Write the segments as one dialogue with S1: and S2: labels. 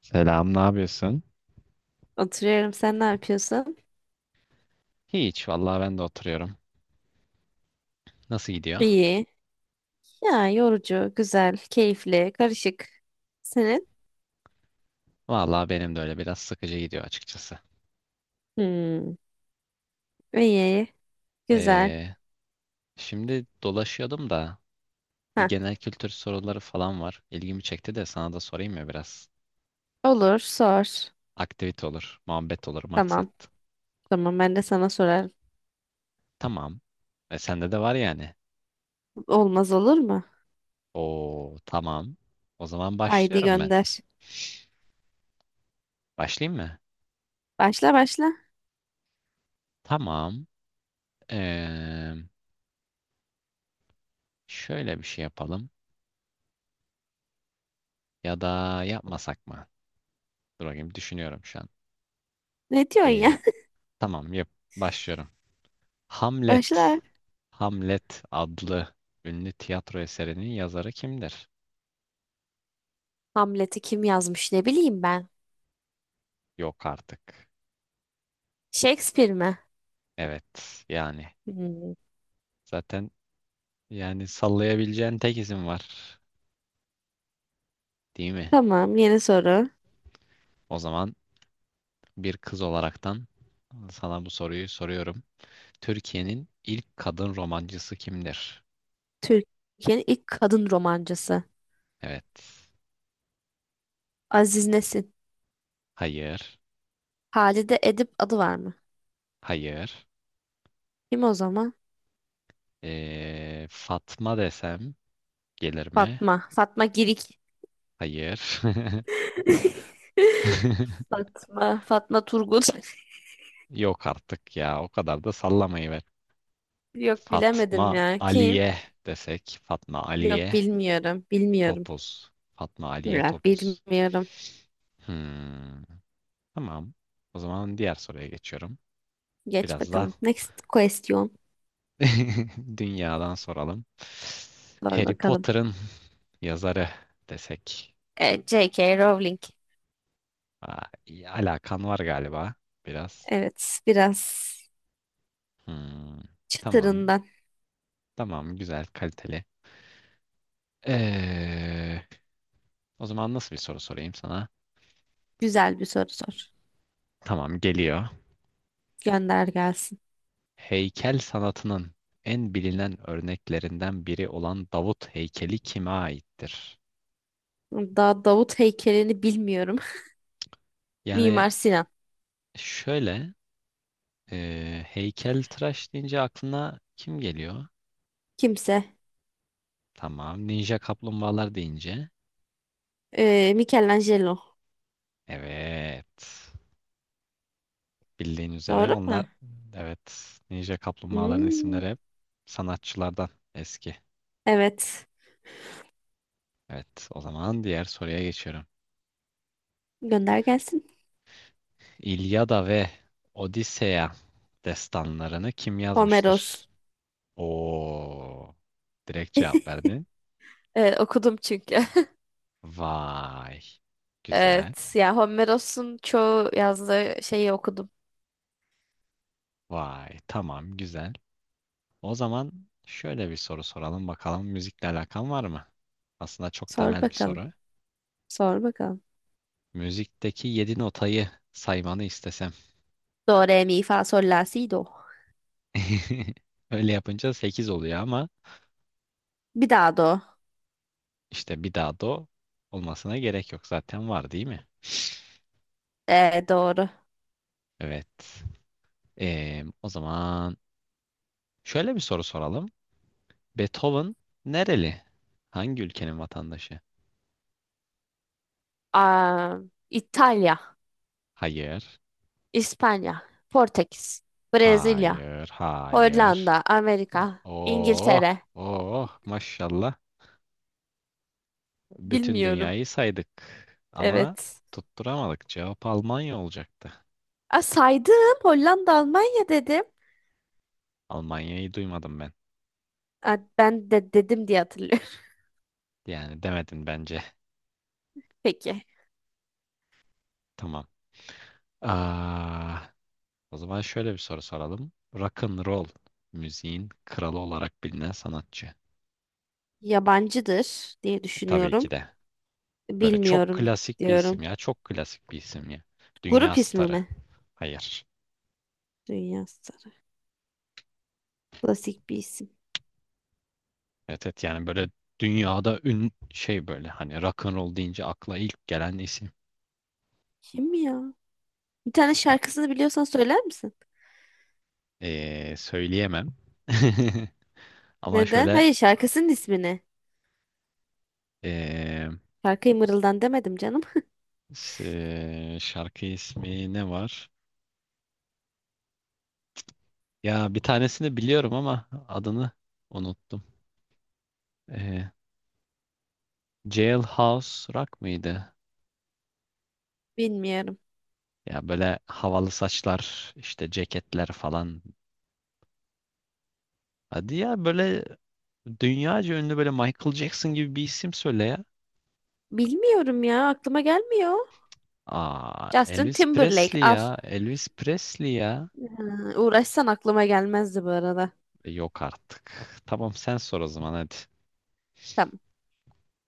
S1: Selam, ne yapıyorsun?
S2: Oturuyorum. Sen ne yapıyorsun?
S1: Hiç, vallahi ben de oturuyorum. Nasıl gidiyor?
S2: İyi. Ya yorucu, güzel, keyifli, karışık. Senin?
S1: Vallahi benim de öyle biraz sıkıcı gidiyor açıkçası.
S2: Hmm. İyi, güzel.
S1: Ee, şimdi dolaşıyordum da
S2: Ha,
S1: genel kültür soruları falan var. İlgimi çekti de sana da sorayım ya biraz.
S2: olur, sor.
S1: Aktivite olur, muhabbet olur,
S2: Tamam.
S1: maksat.
S2: Tamam, ben de sana sorarım.
S1: Tamam. E, sende de var yani.
S2: Olmaz olur mu?
S1: Oo, tamam. O zaman
S2: Haydi
S1: başlıyorum ben.
S2: gönder.
S1: Başlayayım mı?
S2: Başla başla.
S1: Tamam. Ee, şöyle bir şey yapalım. Ya da yapmasak mı? Dur bakayım düşünüyorum şu an.
S2: Ne diyorsun
S1: Ee,
S2: ya?
S1: Tamam, yap. Başlıyorum. Hamlet.
S2: Başla.
S1: Hamlet adlı ünlü tiyatro eserinin yazarı kimdir?
S2: Hamlet'i kim yazmış, ne bileyim ben.
S1: Yok artık.
S2: Shakespeare mi?
S1: Evet, yani
S2: Hmm.
S1: zaten yani sallayabileceğin tek isim var, değil mi?
S2: Tamam, yeni soru.
S1: O zaman bir kız olaraktan sana bu soruyu soruyorum. Türkiye'nin ilk kadın romancısı kimdir?
S2: Türkiye'nin ilk kadın romancısı.
S1: Evet.
S2: Aziz Nesin.
S1: Hayır.
S2: Halide Edip adı var mı?
S1: Hayır.
S2: Kim o zaman?
S1: Fatma desem gelir mi?
S2: Fatma. Fatma Girik.
S1: Hayır.
S2: Fatma. Fatma Turgut.
S1: Yok artık ya. O kadar da sallamayı ver.
S2: Yok,
S1: Fatma
S2: bilemedim ya. Kim?
S1: Aliye desek. Fatma
S2: Yok,
S1: Aliye
S2: bilmiyorum. Bilmiyorum.
S1: Topuz. Fatma Aliye
S2: Ya
S1: Topuz.
S2: bilmiyorum.
S1: Hmm, tamam. O zaman diğer soruya geçiyorum.
S2: Geç
S1: Biraz da
S2: bakalım. Next question.
S1: dünyadan soralım.
S2: Sor
S1: Harry
S2: bakalım.
S1: Potter'ın yazarı desek.
S2: E, J.K. Rowling.
S1: Aa, iyi, alakan var galiba biraz.
S2: Evet, biraz
S1: Hmm, tamam.
S2: çıtırından
S1: Tamam. Güzel, kaliteli. Ee, o zaman nasıl bir soru sorayım sana?
S2: güzel bir soru sor.
S1: Tamam geliyor.
S2: Gönder gelsin.
S1: Heykel sanatının en bilinen örneklerinden biri olan Davut heykeli kime aittir?
S2: Daha Davut heykelini bilmiyorum.
S1: Yani
S2: Mimar Sinan.
S1: şöyle e, heykeltıraş deyince aklına kim geliyor?
S2: Kimse.
S1: Tamam. Ninja kaplumbağalar deyince.
S2: E, Michelangelo.
S1: Evet. Bildiğin üzere
S2: Doğru mu?
S1: onlar evet ninja kaplumbağaların
S2: Hmm,
S1: isimleri hep sanatçılardan eski.
S2: evet.
S1: Evet o zaman diğer soruya geçiyorum.
S2: Gönder gelsin.
S1: İlyada ve Odiseya destanlarını kim yazmıştır?
S2: Homeros.
S1: Oo. Direkt cevap verdin.
S2: Evet, okudum çünkü.
S1: Vay. Güzel.
S2: Evet. Ya Homeros'un çoğu yazdığı şeyi okudum.
S1: Vay. Tamam, güzel. O zaman şöyle bir soru soralım bakalım müzikle alakan var mı? Aslında çok
S2: Sor
S1: temel bir
S2: bakalım.
S1: soru.
S2: Sor bakalım.
S1: Müzikteki 7 notayı saymanı istesem.
S2: Do, re, mi, fa, sol, la, si, do.
S1: Öyle yapınca 8 oluyor ama
S2: Bir daha do.
S1: işte bir daha do olmasına gerek yok. Zaten var değil mi?
S2: Doğru.
S1: Evet. O zaman şöyle bir soru soralım. Beethoven nereli? Hangi ülkenin vatandaşı?
S2: Aa, İtalya,
S1: Hayır.
S2: İspanya, Portekiz, Brezilya,
S1: Hayır. Hayır.
S2: Hollanda, Amerika,
S1: Oh.
S2: İngiltere.
S1: Oh. Maşallah. Bütün
S2: Bilmiyorum.
S1: dünyayı saydık. Ama
S2: Evet.
S1: tutturamadık. Cevap Almanya olacaktı.
S2: Aa, saydım. Hollanda, Almanya dedim.
S1: Almanya'yı duymadım ben.
S2: Aa, ben de dedim diye hatırlıyorum.
S1: Yani demedin bence.
S2: Peki.
S1: Tamam. Aa, o zaman şöyle bir soru soralım. Rock and roll müziğin kralı olarak bilinen sanatçı.
S2: Yabancıdır diye
S1: E, tabii
S2: düşünüyorum.
S1: ki de. Böyle çok
S2: Bilmiyorum
S1: klasik bir isim
S2: diyorum.
S1: ya. Çok klasik bir isim ya.
S2: Grup
S1: Dünya
S2: ismi
S1: starı.
S2: mi?
S1: Hayır.
S2: Dünya Starı. Klasik bir isim.
S1: Evet, evet, yani böyle dünyada ün şey böyle hani rock and roll deyince akla ilk gelen isim.
S2: Kim ya? Bir tane
S1: Ha,
S2: şarkısını biliyorsan söyler misin?
S1: söyleyemem. Ama
S2: Neden?
S1: şöyle
S2: Hayır, şarkısının ismini.
S1: ee,
S2: Şarkıyı mırıldan demedim canım.
S1: şarkı ismi ne var? Ya bir tanesini biliyorum ama adını unuttum. Ee, Jailhouse Rock mıydı?
S2: Bilmiyorum.
S1: Ya böyle havalı saçlar, işte ceketler falan. Hadi ya böyle dünyaca ünlü böyle Michael Jackson gibi bir isim söyle ya.
S2: Bilmiyorum ya, aklıma gelmiyor.
S1: Aa,
S2: Justin
S1: Elvis
S2: Timberlake
S1: Presley
S2: al.
S1: ya. Elvis Presley ya.
S2: Ha, uğraşsan aklıma gelmezdi bu arada.
S1: E, yok artık. Tamam sen sor o zaman hadi.
S2: Tamam.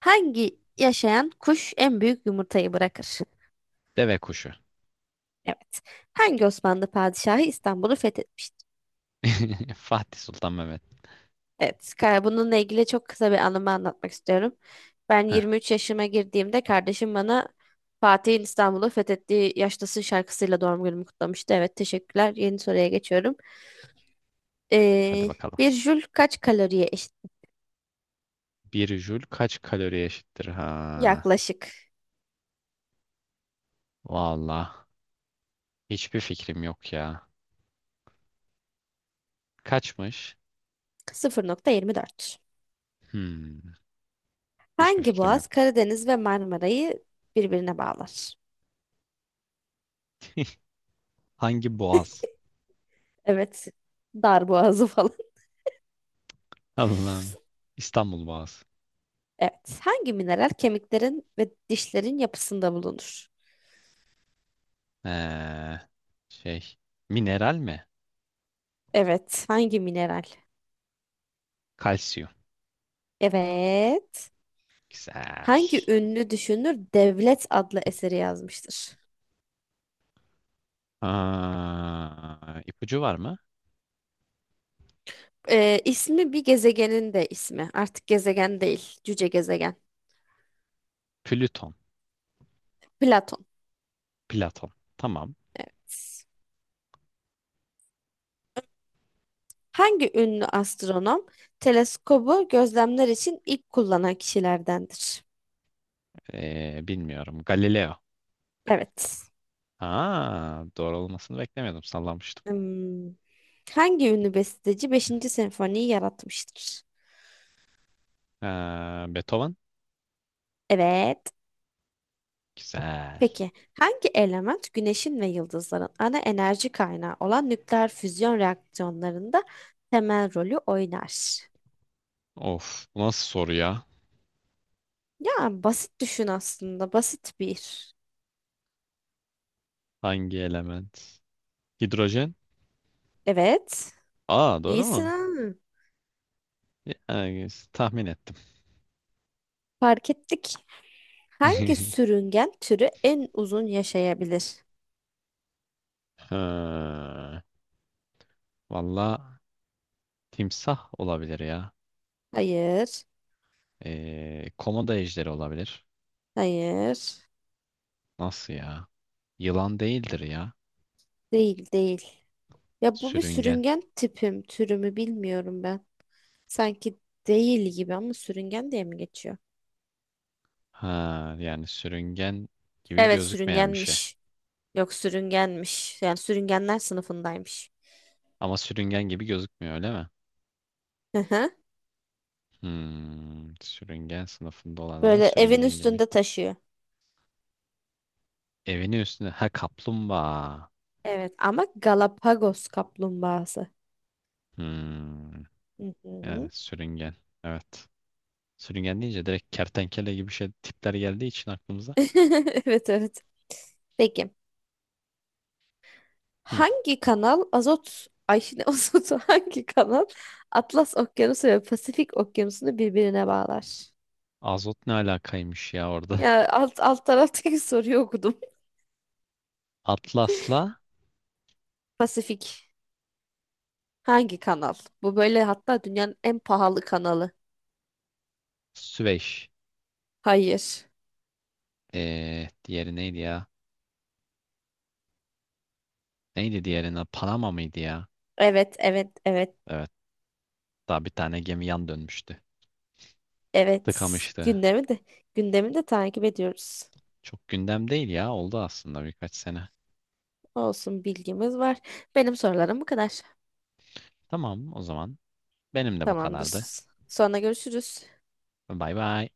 S2: Hangi yaşayan kuş en büyük yumurtayı bırakır?
S1: Deve kuşu.
S2: Evet. Hangi Osmanlı padişahı İstanbul'u fethetmiştir?
S1: Fatih Sultan Mehmet.
S2: Evet, ka- bununla ilgili çok kısa bir anımı anlatmak istiyorum. Ben
S1: Heh,
S2: 23 yaşıma girdiğimde kardeşim bana Fatih'in İstanbul'u fethettiği yaştasın şarkısıyla doğum günümü kutlamıştı. Evet, teşekkürler. Yeni soruya geçiyorum.
S1: hadi
S2: Ee,
S1: bakalım.
S2: Bir jül kaç kaloriye eşit?
S1: Bir jül kaç kalori eşittir? Ha.
S2: Yaklaşık
S1: Valla. Hiçbir fikrim yok ya. Kaçmış?
S2: 0,24.
S1: Hmm. Hiçbir
S2: Hangi
S1: fikrim
S2: boğaz
S1: yoktu.
S2: Karadeniz ve Marmara'yı birbirine bağlar?
S1: Hangi boğaz?
S2: Evet, dar boğazı falan.
S1: Allah'ım. İstanbul Boğazı.
S2: Evet, hangi mineral kemiklerin ve dişlerin yapısında bulunur?
S1: Ee, şey. Mineral mi?
S2: Evet, hangi mineral?
S1: Kalsiyum.
S2: Evet.
S1: Güzel.
S2: Hangi ünlü düşünür Devlet adlı eseri yazmıştır?
S1: Aa, ipucu var mı?
S2: İsmi bir gezegenin de ismi. Artık gezegen değil, cüce gezegen.
S1: Plüton.
S2: Platon.
S1: Platon. Tamam.
S2: Hangi ünlü astronom teleskobu gözlemler için ilk kullanan kişilerdendir?
S1: Bilmiyorum. Galileo.
S2: Evet.
S1: Aa, doğru olmasını beklemiyordum. Sallamıştım.
S2: Hmm. Hangi ünlü besteci 5. senfoniyi yaratmıştır?
S1: Beethoven.
S2: Evet.
S1: Güzel.
S2: Peki, hangi element güneşin ve yıldızların ana enerji kaynağı olan nükleer füzyon reaksiyonlarında temel rolü oynar?
S1: Of. Bu nasıl soru ya?
S2: Ya basit düşün, aslında basit bir.
S1: Hangi element? Hidrojen.
S2: Evet.
S1: Aa, doğru
S2: İyisin
S1: mu?
S2: ha.
S1: Yani, tahmin ettim.
S2: Fark ettik. Hangi sürüngen türü en uzun yaşayabilir?
S1: Ha, valla timsah olabilir ya.
S2: Hayır.
S1: Komodo ejderi olabilir.
S2: Hayır.
S1: Nasıl ya? Yılan değildir ya.
S2: Değil değil. Ya bu bir
S1: Sürüngen.
S2: sürüngen tipim türümü bilmiyorum ben. Sanki değil gibi, ama sürüngen diye mi geçiyor?
S1: Ha, yani sürüngen gibi
S2: Evet,
S1: gözükmeyen bir şey.
S2: sürüngenmiş. Yok, sürüngenmiş. Yani sürüngenler sınıfındaymış.
S1: Ama sürüngen gibi gözükmüyor öyle mi?
S2: Hı hı.
S1: Sürüngen sınıfında olan ama
S2: Böyle evin
S1: sürüngen gibi.
S2: üstünde taşıyor.
S1: Evinin üstünde. Ha, kaplumbağa.
S2: Evet, ama Galapagos kaplumbağası.
S1: Hmm,
S2: Hı hı.
S1: yani sürüngen. Evet. Sürüngen deyince direkt kertenkele gibi şey tipler geldiği için aklımıza.
S2: Evet evet. Peki.
S1: Hmm,
S2: Hangi kanal azot Ay ne azotu hangi kanal Atlas Okyanusu ve Pasifik Okyanusu'nu birbirine bağlar?
S1: azot ne alakaymış ya orada.
S2: Ya alt alt taraftaki soruyu okudum.
S1: Atlas'la
S2: Pasifik hangi kanal? Bu böyle hatta dünyanın en pahalı kanalı.
S1: Süveyş.
S2: Hayır.
S1: Diğeri neydi ya? Neydi diğerine? Panama mıydı ya?
S2: Evet evet evet.
S1: Evet. Daha bir tane gemi yan dönmüştü.
S2: Evet,
S1: Tıkamıştı.
S2: gündemi de takip ediyoruz.
S1: Çok gündem değil ya. Oldu aslında birkaç sene.
S2: Olsun, bilgimiz var. Benim sorularım bu kadar.
S1: Tamam o zaman. Benim de bu
S2: Tamamdır.
S1: kadardı.
S2: Sonra görüşürüz.
S1: Bay bay.